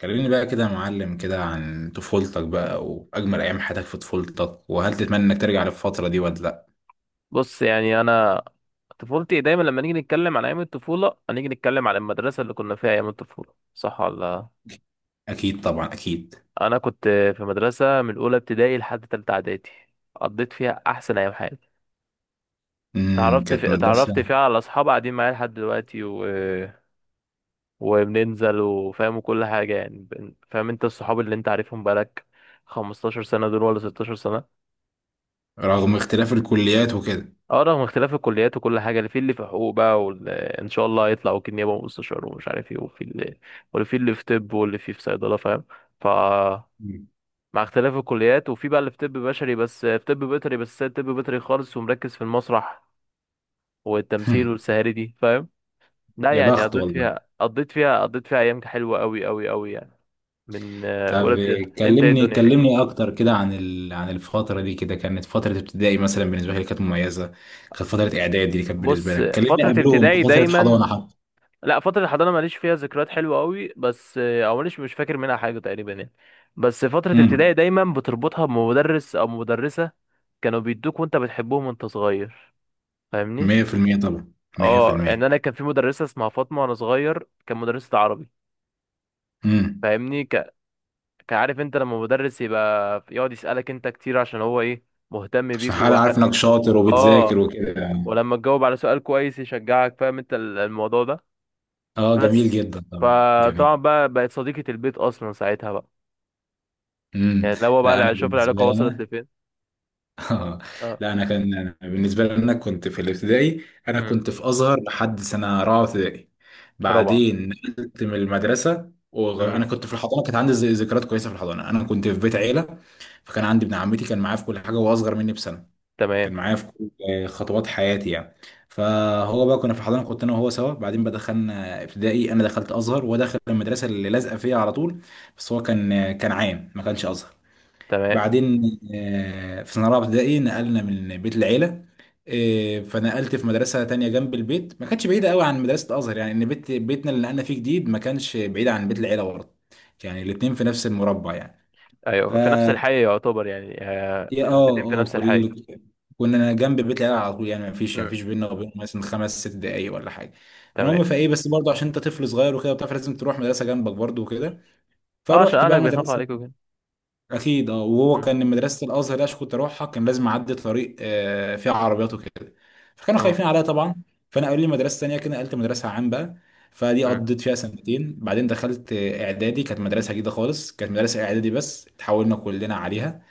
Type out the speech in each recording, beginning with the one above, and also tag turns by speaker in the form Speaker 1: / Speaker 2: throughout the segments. Speaker 1: كلميني بقى كده يا معلم كده عن طفولتك بقى وأجمل أيام حياتك في طفولتك، وهل تتمنى إنك ترجع للفترة دي ولا لأ؟
Speaker 2: بص، يعني انا طفولتي دايما، لما نيجي نتكلم عن ايام الطفوله هنيجي نتكلم عن المدرسه اللي كنا فيها ايام الطفوله، صح ولا لا؟
Speaker 1: أكيد طبعا أكيد.
Speaker 2: انا كنت في مدرسه من اولى ابتدائي لحد تالتة اعدادي، قضيت فيها احسن ايام حياتي.
Speaker 1: كانت
Speaker 2: اتعرفت
Speaker 1: مدرسة
Speaker 2: فيها على اصحاب قاعدين معايا لحد دلوقتي وبننزل، وفاهم كل حاجه، يعني فاهم انت الصحاب اللي انت عارفهم بقالك 15 سنه دول ولا 16 سنه.
Speaker 1: رغم اختلاف الكليات وكده.
Speaker 2: اه، رغم اختلاف الكليات وكل حاجه، اللي في حقوق بقى، واللي ان شاء الله هيطلع وكيل نيابه ومستشار ومش عارف ايه، وفي اللي، واللي في طب، واللي في صيدله، فاهم، ف
Speaker 1: مم.
Speaker 2: مع اختلاف الكليات. وفي بقى اللي في طب بشري، بس في طب بيطري، بس سايب طب بيطري خالص ومركز في المسرح والتمثيل والسهاري دي، فاهم. لا،
Speaker 1: يا
Speaker 2: يعني
Speaker 1: بخت
Speaker 2: قضيت
Speaker 1: والله.
Speaker 2: فيها قضيت فيها قضيت فيها ايام حلوه قوي قوي قوي يعني. من اولى
Speaker 1: طب،
Speaker 2: ابتدائي، انت ايه
Speaker 1: كلمني
Speaker 2: الدنيا.
Speaker 1: كلمني أكتر كده عن عن الفترة دي. كده كانت فترة ابتدائي، مثلا بالنسبة لي كانت مميزة. كانت فترة إعدادي دي كانت بالنسبة
Speaker 2: بص،
Speaker 1: لك. كلمني
Speaker 2: فتره
Speaker 1: قبلهم
Speaker 2: ابتدائي
Speaker 1: فترة
Speaker 2: دايما...
Speaker 1: حضانة حتى.
Speaker 2: لا، فترة الحضانة ماليش فيها ذكريات حلوة قوي، بس او ماليش، مش فاكر منها حاجة تقريبا يعني. بس فترة
Speaker 1: امم
Speaker 2: ابتدائي دايما بتربطها بمدرس او مدرسة كانوا بيدوك وانت بتحبهم وانت صغير، فاهمني.
Speaker 1: 100% طبعا،
Speaker 2: اه، يعني
Speaker 1: 100%.
Speaker 2: انا كان في مدرسة اسمها فاطمة، وانا صغير كان مدرسة عربي،
Speaker 1: امم
Speaker 2: فاهمني. كعارف انت، لما مدرس يبقى يقعد يسألك انت كتير عشان هو ايه، مهتم
Speaker 1: عشان
Speaker 2: بيك
Speaker 1: حد عارف
Speaker 2: وواحد.
Speaker 1: انك شاطر
Speaker 2: اه،
Speaker 1: وبتذاكر وكده يعني.
Speaker 2: ولما تجاوب على سؤال كويس يشجعك، فاهم انت الموضوع ده.
Speaker 1: اه جميل
Speaker 2: بس،
Speaker 1: جدا طبعا جميل.
Speaker 2: فطبعا بقى بقت صديقة البيت اصلا ساعتها بقى،
Speaker 1: امم
Speaker 2: يعني لو بقى
Speaker 1: لا، انا
Speaker 2: شوف
Speaker 1: بالنسبه
Speaker 2: العلاقة
Speaker 1: لي
Speaker 2: وصلت
Speaker 1: انا.
Speaker 2: لفين.
Speaker 1: اه.
Speaker 2: اه.
Speaker 1: لا انا كان أنا بالنسبه لي انا كنت في الابتدائي، انا
Speaker 2: امم.
Speaker 1: كنت في ازهر لحد سنه رابعه ابتدائي.
Speaker 2: رابعة.
Speaker 1: بعدين نقلت من المدرسه، وانا
Speaker 2: امم.
Speaker 1: كنت في الحضانه كانت عندي ذكريات كويسه في الحضانه. انا كنت في بيت عيله، فكان عندي ابن عمتي كان معايا في كل حاجه، وهو اصغر مني بسنه، كان
Speaker 2: تمام.
Speaker 1: معايا في كل خطوات حياتي يعني. فهو بقى كنا في الحضانه كنت انا وهو سوا، بعدين بقى دخلنا ابتدائي. انا دخلت ازهر وهو دخل المدرسه اللي لازقه فيها على طول، بس هو كان عام ما كانش ازهر.
Speaker 2: تمام.
Speaker 1: بعدين في سنه رابعه ابتدائي نقلنا من بيت العيله. فنقلت في مدرسه تانية جنب البيت، ما كانتش بعيده قوي عن مدرسه ازهر، يعني ان بيتنا اللي نقلنا فيه جديد ما كانش بعيد عن بيت العيله برضه. يعني الاتنين في نفس المربع يعني. ف
Speaker 2: ايوه، في نفس الحي يعتبر يعني،
Speaker 1: يا اه
Speaker 2: البيتين في
Speaker 1: اه
Speaker 2: نفس
Speaker 1: كل
Speaker 2: الحي.
Speaker 1: كنا جنب بيت العيله على طول، يعني ما فيش ما
Speaker 2: امم.
Speaker 1: فيش بينا وبين مثلا خمس ست دقايق ولا حاجه.
Speaker 2: تمام.
Speaker 1: فالمهم، فايه بس برضه عشان انت طفل صغير وكده وبتاع لازم تروح مدرسه جنبك برضه وكده.
Speaker 2: اه، عشان
Speaker 1: فروحت بقى
Speaker 2: اهلك بيخافوا
Speaker 1: مدرسه.
Speaker 2: عليك وكده.
Speaker 1: اكيد اه. وهو
Speaker 2: امم.
Speaker 1: كان مدرسه الازهر اللي أنا كنت اروحها كان لازم اعدي طريق فيه عربيات وكده. فكانوا
Speaker 2: اه.
Speaker 1: خايفين عليا طبعا. فانا قالوا لي مدرسه ثانيه كده، نقلت مدرسه عام بقى. فدي
Speaker 2: امم.
Speaker 1: قضيت فيها سنتين، بعدين دخلت اعدادي. كانت مدرسه جديده خالص، كانت مدرسه اعدادي بس اتحولنا كلنا عليها.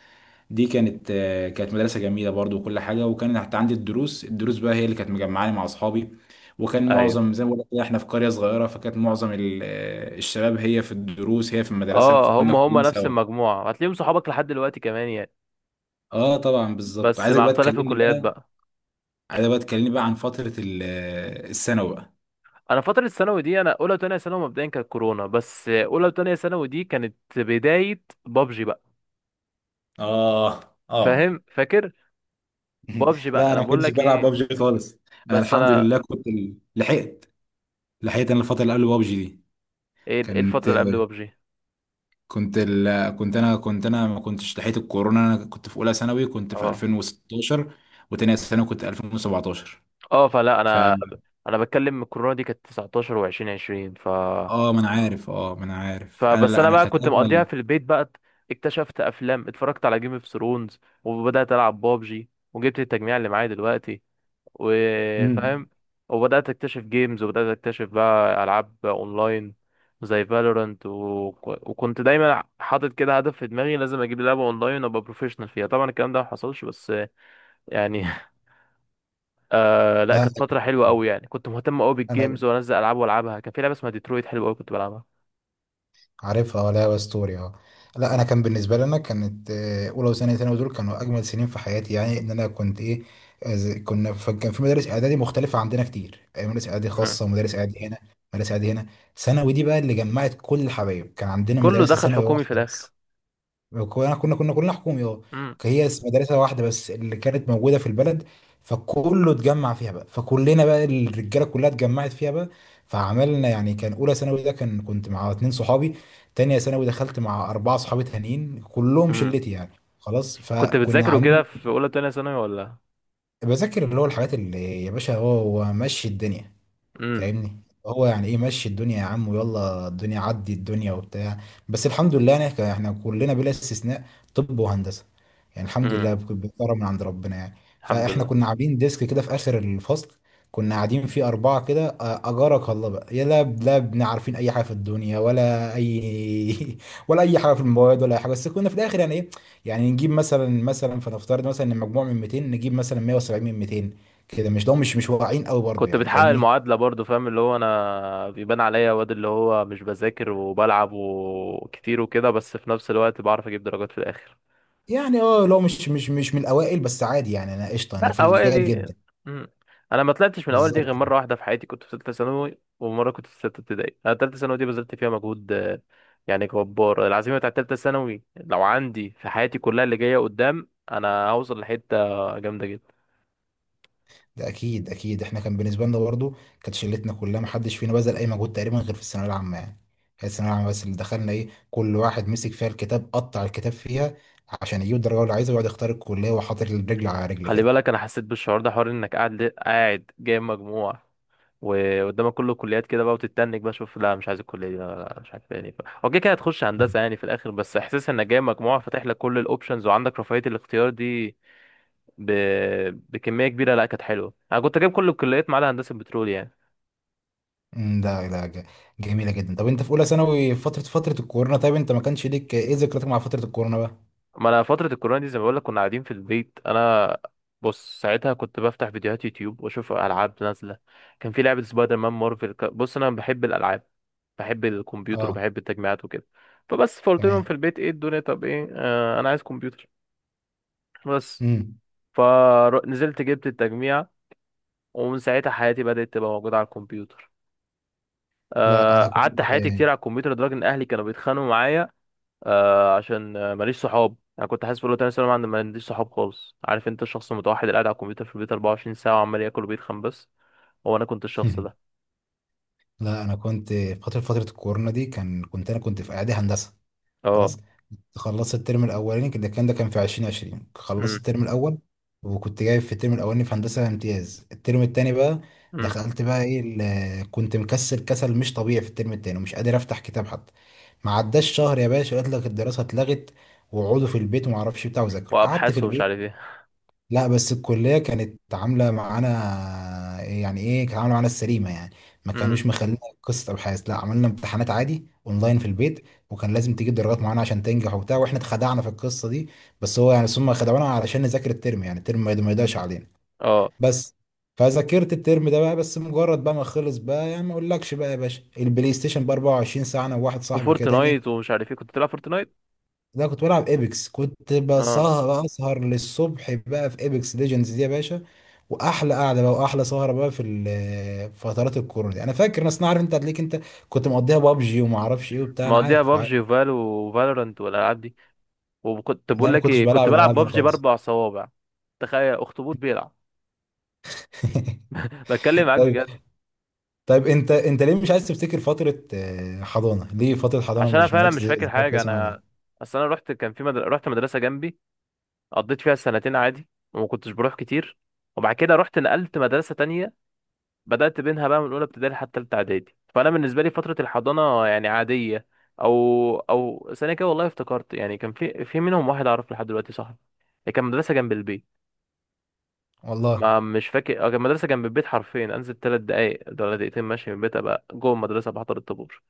Speaker 1: دي كانت مدرسة جميلة برضو وكل حاجة. وكان حتى عندي الدروس، بقى هي اللي كانت مجمعاني مع أصحابي. وكان
Speaker 2: ايوه.
Speaker 1: معظم زي ما بقول لك كده احنا في قرية صغيرة، فكانت معظم الشباب هي في الدروس هي في المدرسة،
Speaker 2: اه،
Speaker 1: فكنا
Speaker 2: هم
Speaker 1: كلنا
Speaker 2: نفس
Speaker 1: سوا.
Speaker 2: المجموعه، هتلاقيهم صحابك لحد دلوقتي كمان يعني.
Speaker 1: اه طبعا بالظبط.
Speaker 2: بس
Speaker 1: عايزك
Speaker 2: مع
Speaker 1: بقى
Speaker 2: اختلاف
Speaker 1: تكلمني
Speaker 2: الكليات
Speaker 1: بقى.
Speaker 2: بقى.
Speaker 1: عايزك بقى تكلمني بقى عن فترة الثانوي بقى.
Speaker 2: انا فتره الثانوي دي، انا اولى وثانيه ثانوي مبدئيا كانت كورونا، بس اولى وثانيه ثانوي دي كانت بدايه بابجي بقى.
Speaker 1: اه. اه.
Speaker 2: فاهم، فاكر. بابجي بقى
Speaker 1: لا
Speaker 2: انا
Speaker 1: انا ما
Speaker 2: بقول
Speaker 1: كنتش
Speaker 2: لك
Speaker 1: بلعب
Speaker 2: ايه.
Speaker 1: بابجي خالص. انا
Speaker 2: بس
Speaker 1: الحمد
Speaker 2: انا...
Speaker 1: لله كنت لحقت، لحقت انا الفترة اللي قبل بابجي دي.
Speaker 2: إيه
Speaker 1: كانت
Speaker 2: الفترة اللي قبل بابجي.
Speaker 1: كنت ال... كنت انا كنت انا ما كنتش لحقت الكورونا. انا كنت في اولى ثانوي كنت في
Speaker 2: اه،
Speaker 1: 2016، وتانية ثانوي كنت 2017.
Speaker 2: اه، فلا
Speaker 1: ف
Speaker 2: انا بتكلم الكورونا دي كانت 19 و20 20،
Speaker 1: اه ما انا عارف، اه ما انا عارف. انا،
Speaker 2: فبس
Speaker 1: لا
Speaker 2: انا
Speaker 1: انا
Speaker 2: بقى
Speaker 1: كانت
Speaker 2: كنت مقضيها
Speaker 1: اجمل.
Speaker 2: في البيت بقى. اكتشفت افلام، اتفرجت على جيم اوف ثرونز، وبدات العب بابجي، وجبت التجميع اللي معايا دلوقتي،
Speaker 1: امم.
Speaker 2: وفاهم، وبدات اكتشف جيمز، وبدات اكتشف بقى العاب اونلاين زي فالورانت وكنت دايما حاطط كده هدف في دماغي، لازم اجيب لعبه اونلاين وابقى بروفيشنال فيها. طبعا الكلام ده ما حصلش، بس يعني آه، لا، كانت فترة حلوة قوي يعني، كنت مهتم قوي بالجيمز وانزل العاب والعبها. كان في لعبة اسمها ديترويت حلوة قوي كنت بلعبها.
Speaker 1: عارفها ولا اسطوري اه. لا انا
Speaker 2: مم.
Speaker 1: كان بالنسبه لي انا كانت اولى وثانيه ثانوي دول كانوا اجمل سنين في حياتي يعني. ان انا كنت ايه، كان في مدارس اعدادي مختلفه عندنا كتير. مدارس اعدادي
Speaker 2: مم.
Speaker 1: خاصه ومدارس اعدادي هنا، مدارس اعدادي هنا ثانوي دي بقى اللي جمعت كل الحبايب. كان عندنا
Speaker 2: كله
Speaker 1: مدرسه
Speaker 2: دخل
Speaker 1: ثانوي
Speaker 2: حكومي في
Speaker 1: واحده
Speaker 2: الاخر.
Speaker 1: بس. كنا كلنا حكومي اه.
Speaker 2: مم.
Speaker 1: هي مم. بس مدرسة واحدة بس اللي كانت موجودة في البلد. فكله اتجمع فيها بقى، فكلنا بقى الرجالة كلها اتجمعت فيها بقى. فعملنا يعني، كان أولى ثانوي ده كنت مع اتنين صحابي. تانية ثانوي دخلت مع أربعة صحابي تانيين كلهم
Speaker 2: مم.
Speaker 1: شلتي يعني. خلاص.
Speaker 2: كنت
Speaker 1: فكنا
Speaker 2: بتذاكر وكده
Speaker 1: عاملين.
Speaker 2: في اولى تانية ثانوي ولا؟
Speaker 1: بذاكر اللي هو الحاجات اللي يا باشا، هو ماشي الدنيا،
Speaker 2: مم.
Speaker 1: فاهمني. هو يعني ايه مشي الدنيا يا عم، ويلا الدنيا عدي الدنيا وبتاع. بس الحمد لله انا احنا كلنا بلا استثناء طب وهندسه، يعني الحمد
Speaker 2: مم.
Speaker 1: لله بكرم من عند ربنا يعني.
Speaker 2: الحمد
Speaker 1: فاحنا
Speaker 2: لله.
Speaker 1: كنا عاملين ديسك كده في اخر الفصل، كنا قاعدين فيه اربعه كده. اجارك الله بقى يا، لا لا بن عارفين اي حاجه في الدنيا ولا اي ولا اي حاجه في المواد ولا اي حاجه. بس كنا في الاخر يعني ايه، يعني نجيب مثلا، فنفترض مثلا ان المجموع من 200 نجيب مثلا 170 من 200 كده، مش ده مش واقعين قوي برضو
Speaker 2: كنت
Speaker 1: يعني
Speaker 2: بتحقق
Speaker 1: فاهمني.
Speaker 2: المعادلة برضو، فاهم، اللي هو انا بيبان عليا واد اللي هو مش بذاكر وبلعب وكتير وكده، بس في نفس الوقت بعرف اجيب درجات في الاخر.
Speaker 1: يعني اه لو مش من الاوائل بس عادي يعني، انا قشطه انا
Speaker 2: لا،
Speaker 1: في الجيد
Speaker 2: اوائل.
Speaker 1: جدا.
Speaker 2: امم. انا ما طلعتش من الاول دي
Speaker 1: بالظبط.
Speaker 2: غير مره واحده في حياتي، كنت في ثالثه ثانوي، ومره كنت في سته ابتدائي. انا ثالثه ثانوي دي بذلت فيها مجهود يعني جبار. العزيمه بتاعت ثالثه ثانوي لو عندي في حياتي كلها اللي جايه قدام، انا هوصل لحته جامده جدا.
Speaker 1: ده اكيد اكيد، احنا كان بالنسبه لنا برضو كانت شلتنا كلها ما حدش فينا بذل اي مجهود تقريبا غير في الثانويه العامه يعني. هي الثانويه العامه بس اللي دخلنا ايه، كل واحد مسك فيها الكتاب قطع الكتاب فيها عشان يجيب الدرجه اللي عايزها، ويقعد يختار الكليه وحاطط الرجل على رجل
Speaker 2: خلي
Speaker 1: كده.
Speaker 2: بالك، انا حسيت بالشعور ده، حوار انك قاعد جايب مجموع وقدامك كله كليات كده بقى، وتتنك بقى، شوف، لا مش عايز الكليه دي، لا لا لا، مش عارف يعني، هو كده كده هتخش هندسه يعني في الاخر، بس احساس انك جايب مجموع فاتح لك كل الاوبشنز وعندك رفاهيه الاختيار دي ب... بكميه كبيره، لا كانت حلوه. انا كنت جايب كل الكليات ما عدا هندسه بترول يعني.
Speaker 1: امم، ده ده ج- جميله جدا. طب انت في اولى ثانوي فتره، الكورونا. طيب انت ما كانش ليك ايه ذكرياتك مع فتره الكورونا بقى.
Speaker 2: ما انا فترة الكورونا دي، زي ما بقول لك، كنا قاعدين في البيت انا. بص، ساعتها كنت بفتح فيديوهات يوتيوب واشوف العاب نازلة. كان في لعبة سبايدر مان مارفل، بص انا بحب الالعاب، بحب الكمبيوتر
Speaker 1: اه
Speaker 2: وبحب التجميعات وكده. فبس فقلت لهم
Speaker 1: تمام.
Speaker 2: في البيت، ايه الدنيا طب، ايه، آه، انا عايز كمبيوتر. بس.
Speaker 1: امم.
Speaker 2: فنزلت جبت التجميع، ومن ساعتها حياتي بدأت تبقى موجودة على الكمبيوتر.
Speaker 1: لا
Speaker 2: آه،
Speaker 1: انا كنت.
Speaker 2: قعدت حياتي كتير على الكمبيوتر لدرجة ان اهلي كانوا بيتخانقوا معايا. آه، عشان ماليش صحاب. انا كنت حاسس في اولى تانية ثانوي ما عنديش صحاب خالص، عارف انت الشخص المتوحد اللي قاعد على الكمبيوتر في البيت 24 ساعة وعمال ياكل وبيتخن بس. هو انا كنت الشخص ده.
Speaker 1: لا انا كنت في فتره، الكورونا دي كان كنت انا كنت في اعدادي هندسه. خلاص.
Speaker 2: اه.
Speaker 1: خلصت الترم الاولاني كده، كان ده كان في 2020 خلصت
Speaker 2: امم.
Speaker 1: الترم الاول، وكنت جايب في الترم الاولاني في هندسه امتياز. الترم التاني بقى
Speaker 2: امم.
Speaker 1: دخلت بقى ايه، كنت مكسل كسل مش طبيعي في الترم التاني، ومش قادر افتح كتاب حتى. ما عداش شهر يا باشا قلت لك الدراسه اتلغت، وقعدوا في البيت وما اعرفش بتاع وذاكر قعدت في
Speaker 2: وابحاث ومش عارف
Speaker 1: البيت.
Speaker 2: ايه.
Speaker 1: لا بس الكلية كانت عاملة معانا يعني ايه، كانت عاملة معانا السليمة يعني، ما
Speaker 2: امم.
Speaker 1: كانوش مخلينا قصة أبحاث، لا عملنا امتحانات عادي اونلاين في البيت. وكان لازم تجيب درجات معانا عشان تنجح وبتاع، واحنا اتخدعنا في القصة دي. بس هو يعني ثم خدعونا علشان نذاكر الترم، يعني الترم ما يضيعش علينا
Speaker 2: اه.
Speaker 1: بس. فذاكرت الترم ده بقى، بس مجرد بقى ما خلص بقى يعني ما اقولكش بقى يا باشا البلاي ستيشن ب 24 ساعة انا وواحد صاحبي كده.
Speaker 2: وفورتنايت ومش عارف ايه، كنت بتلعب فورتنايت.
Speaker 1: لا كنت بلعب ايبكس، كنت
Speaker 2: اه،
Speaker 1: بسهر بقى اسهر للصبح بقى في ايبكس ليجندز دي يا باشا. واحلى قعده بقى واحلى سهره بقى في في فترات الكورونا دي. انا فاكر ناس، أنا عارف انت هتلاقيك انت كنت مقضيها بابجي وما اعرفش ايه وبتاع، انا
Speaker 2: مقضيها
Speaker 1: عارف عارف.
Speaker 2: بابجي وفال وفالورانت والالعاب دي. وكنت
Speaker 1: ده
Speaker 2: بقول
Speaker 1: ما
Speaker 2: لك
Speaker 1: كنتش
Speaker 2: ايه، كنت
Speaker 1: بلعب
Speaker 2: بلعب
Speaker 1: الالعاب دي انا
Speaker 2: بابجي
Speaker 1: خالص.
Speaker 2: باربع صوابع. تخيل اخطبوط بيلعب. بتكلم معاك
Speaker 1: طيب.
Speaker 2: بجد.
Speaker 1: طيب، انت ليه مش عايز تفتكر فتره حضانه؟ ليه فتره
Speaker 2: عشان
Speaker 1: حضانه
Speaker 2: انا
Speaker 1: مش
Speaker 2: فعلا
Speaker 1: مالكش
Speaker 2: مش فاكر
Speaker 1: ذكريات
Speaker 2: حاجة.
Speaker 1: كويسه معاها
Speaker 2: انا
Speaker 1: ليه؟
Speaker 2: اصل انا رحت، رحت مدرسة جنبي، قضيت فيها سنتين عادي، وما كنتش بروح كتير، وبعد كده رحت نقلت مدرسة تانية، بدأت بينها بقى من أولى ابتدائي لحد تالتة إعدادي. فأنا بالنسبة لي فترة الحضانة يعني عادية. أو سنة كده والله افتكرت يعني، كان في منهم واحد أعرف لحد دلوقتي صاحبي، كان مدرسة جنب البيت.
Speaker 1: والله.
Speaker 2: ما مش فاكر، كان مدرسة جنب البيت حرفيا، أنزل تلات دقايق ولا دقيقتين ماشي من البيت أبقى جوه المدرسة بحضر الطابور.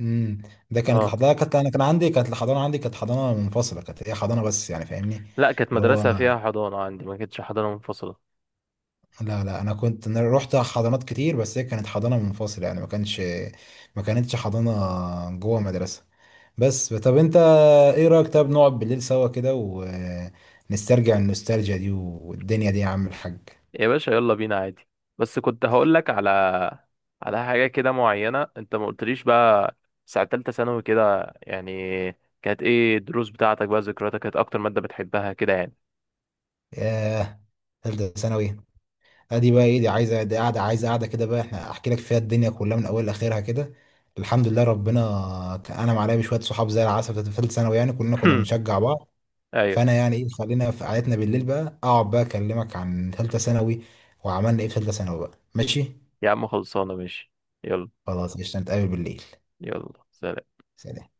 Speaker 1: امم. ده كانت
Speaker 2: اه،
Speaker 1: الحضانه، كانت انا كان عندي كانت الحضانه عندي كانت حضانه منفصله، كانت هي حضانه بس يعني فاهمني.
Speaker 2: لا، كانت
Speaker 1: اللي هو
Speaker 2: مدرسة فيها حضانة، عندي ما كانتش حضانة منفصلة.
Speaker 1: لا لا انا كنت رحت حضانات كتير بس هي كانت حضانه منفصله يعني ما كانش، ما كانتش حضانه جوه مدرسه. بس طب انت، ايه رايك طب نقعد بالليل سوا كده ونسترجع النوستالجيا دي والدنيا دي يا عم الحاج.
Speaker 2: يا باشا، يلا بينا عادي. بس كنت هقول لك على حاجة كده معينة، انت ما قلتليش بقى، ساعة تالتة ثانوي كده يعني، كانت ايه الدروس بتاعتك بقى، ذكرياتك كانت اكتر مادة بتحبها كده يعني.
Speaker 1: ياه، ثالثه ثانوي. ادي بقى ايه، دي عايزه دي قاعده عايزه قاعده كده بقى، احنا احكي لك فيها الدنيا كلها من اول لاخرها كده. الحمد لله ربنا انعم عليا بشويه صحاب زي العسل في ثالثه ثانوي يعني، كلنا كنا بنشجع بعض.
Speaker 2: ايوه.
Speaker 1: فانا يعني ايه، خلينا في قعدتنا بالليل بقى، اقعد بقى اكلمك عن ثالثه ثانوي وعملنا ايه في ثالثه ثانوي بقى ماشي.
Speaker 2: يا عم، خلصانة، ماشي. يلا.
Speaker 1: خلاص قشطه، نتقابل بالليل.
Speaker 2: يلا، سلام.
Speaker 1: سلام.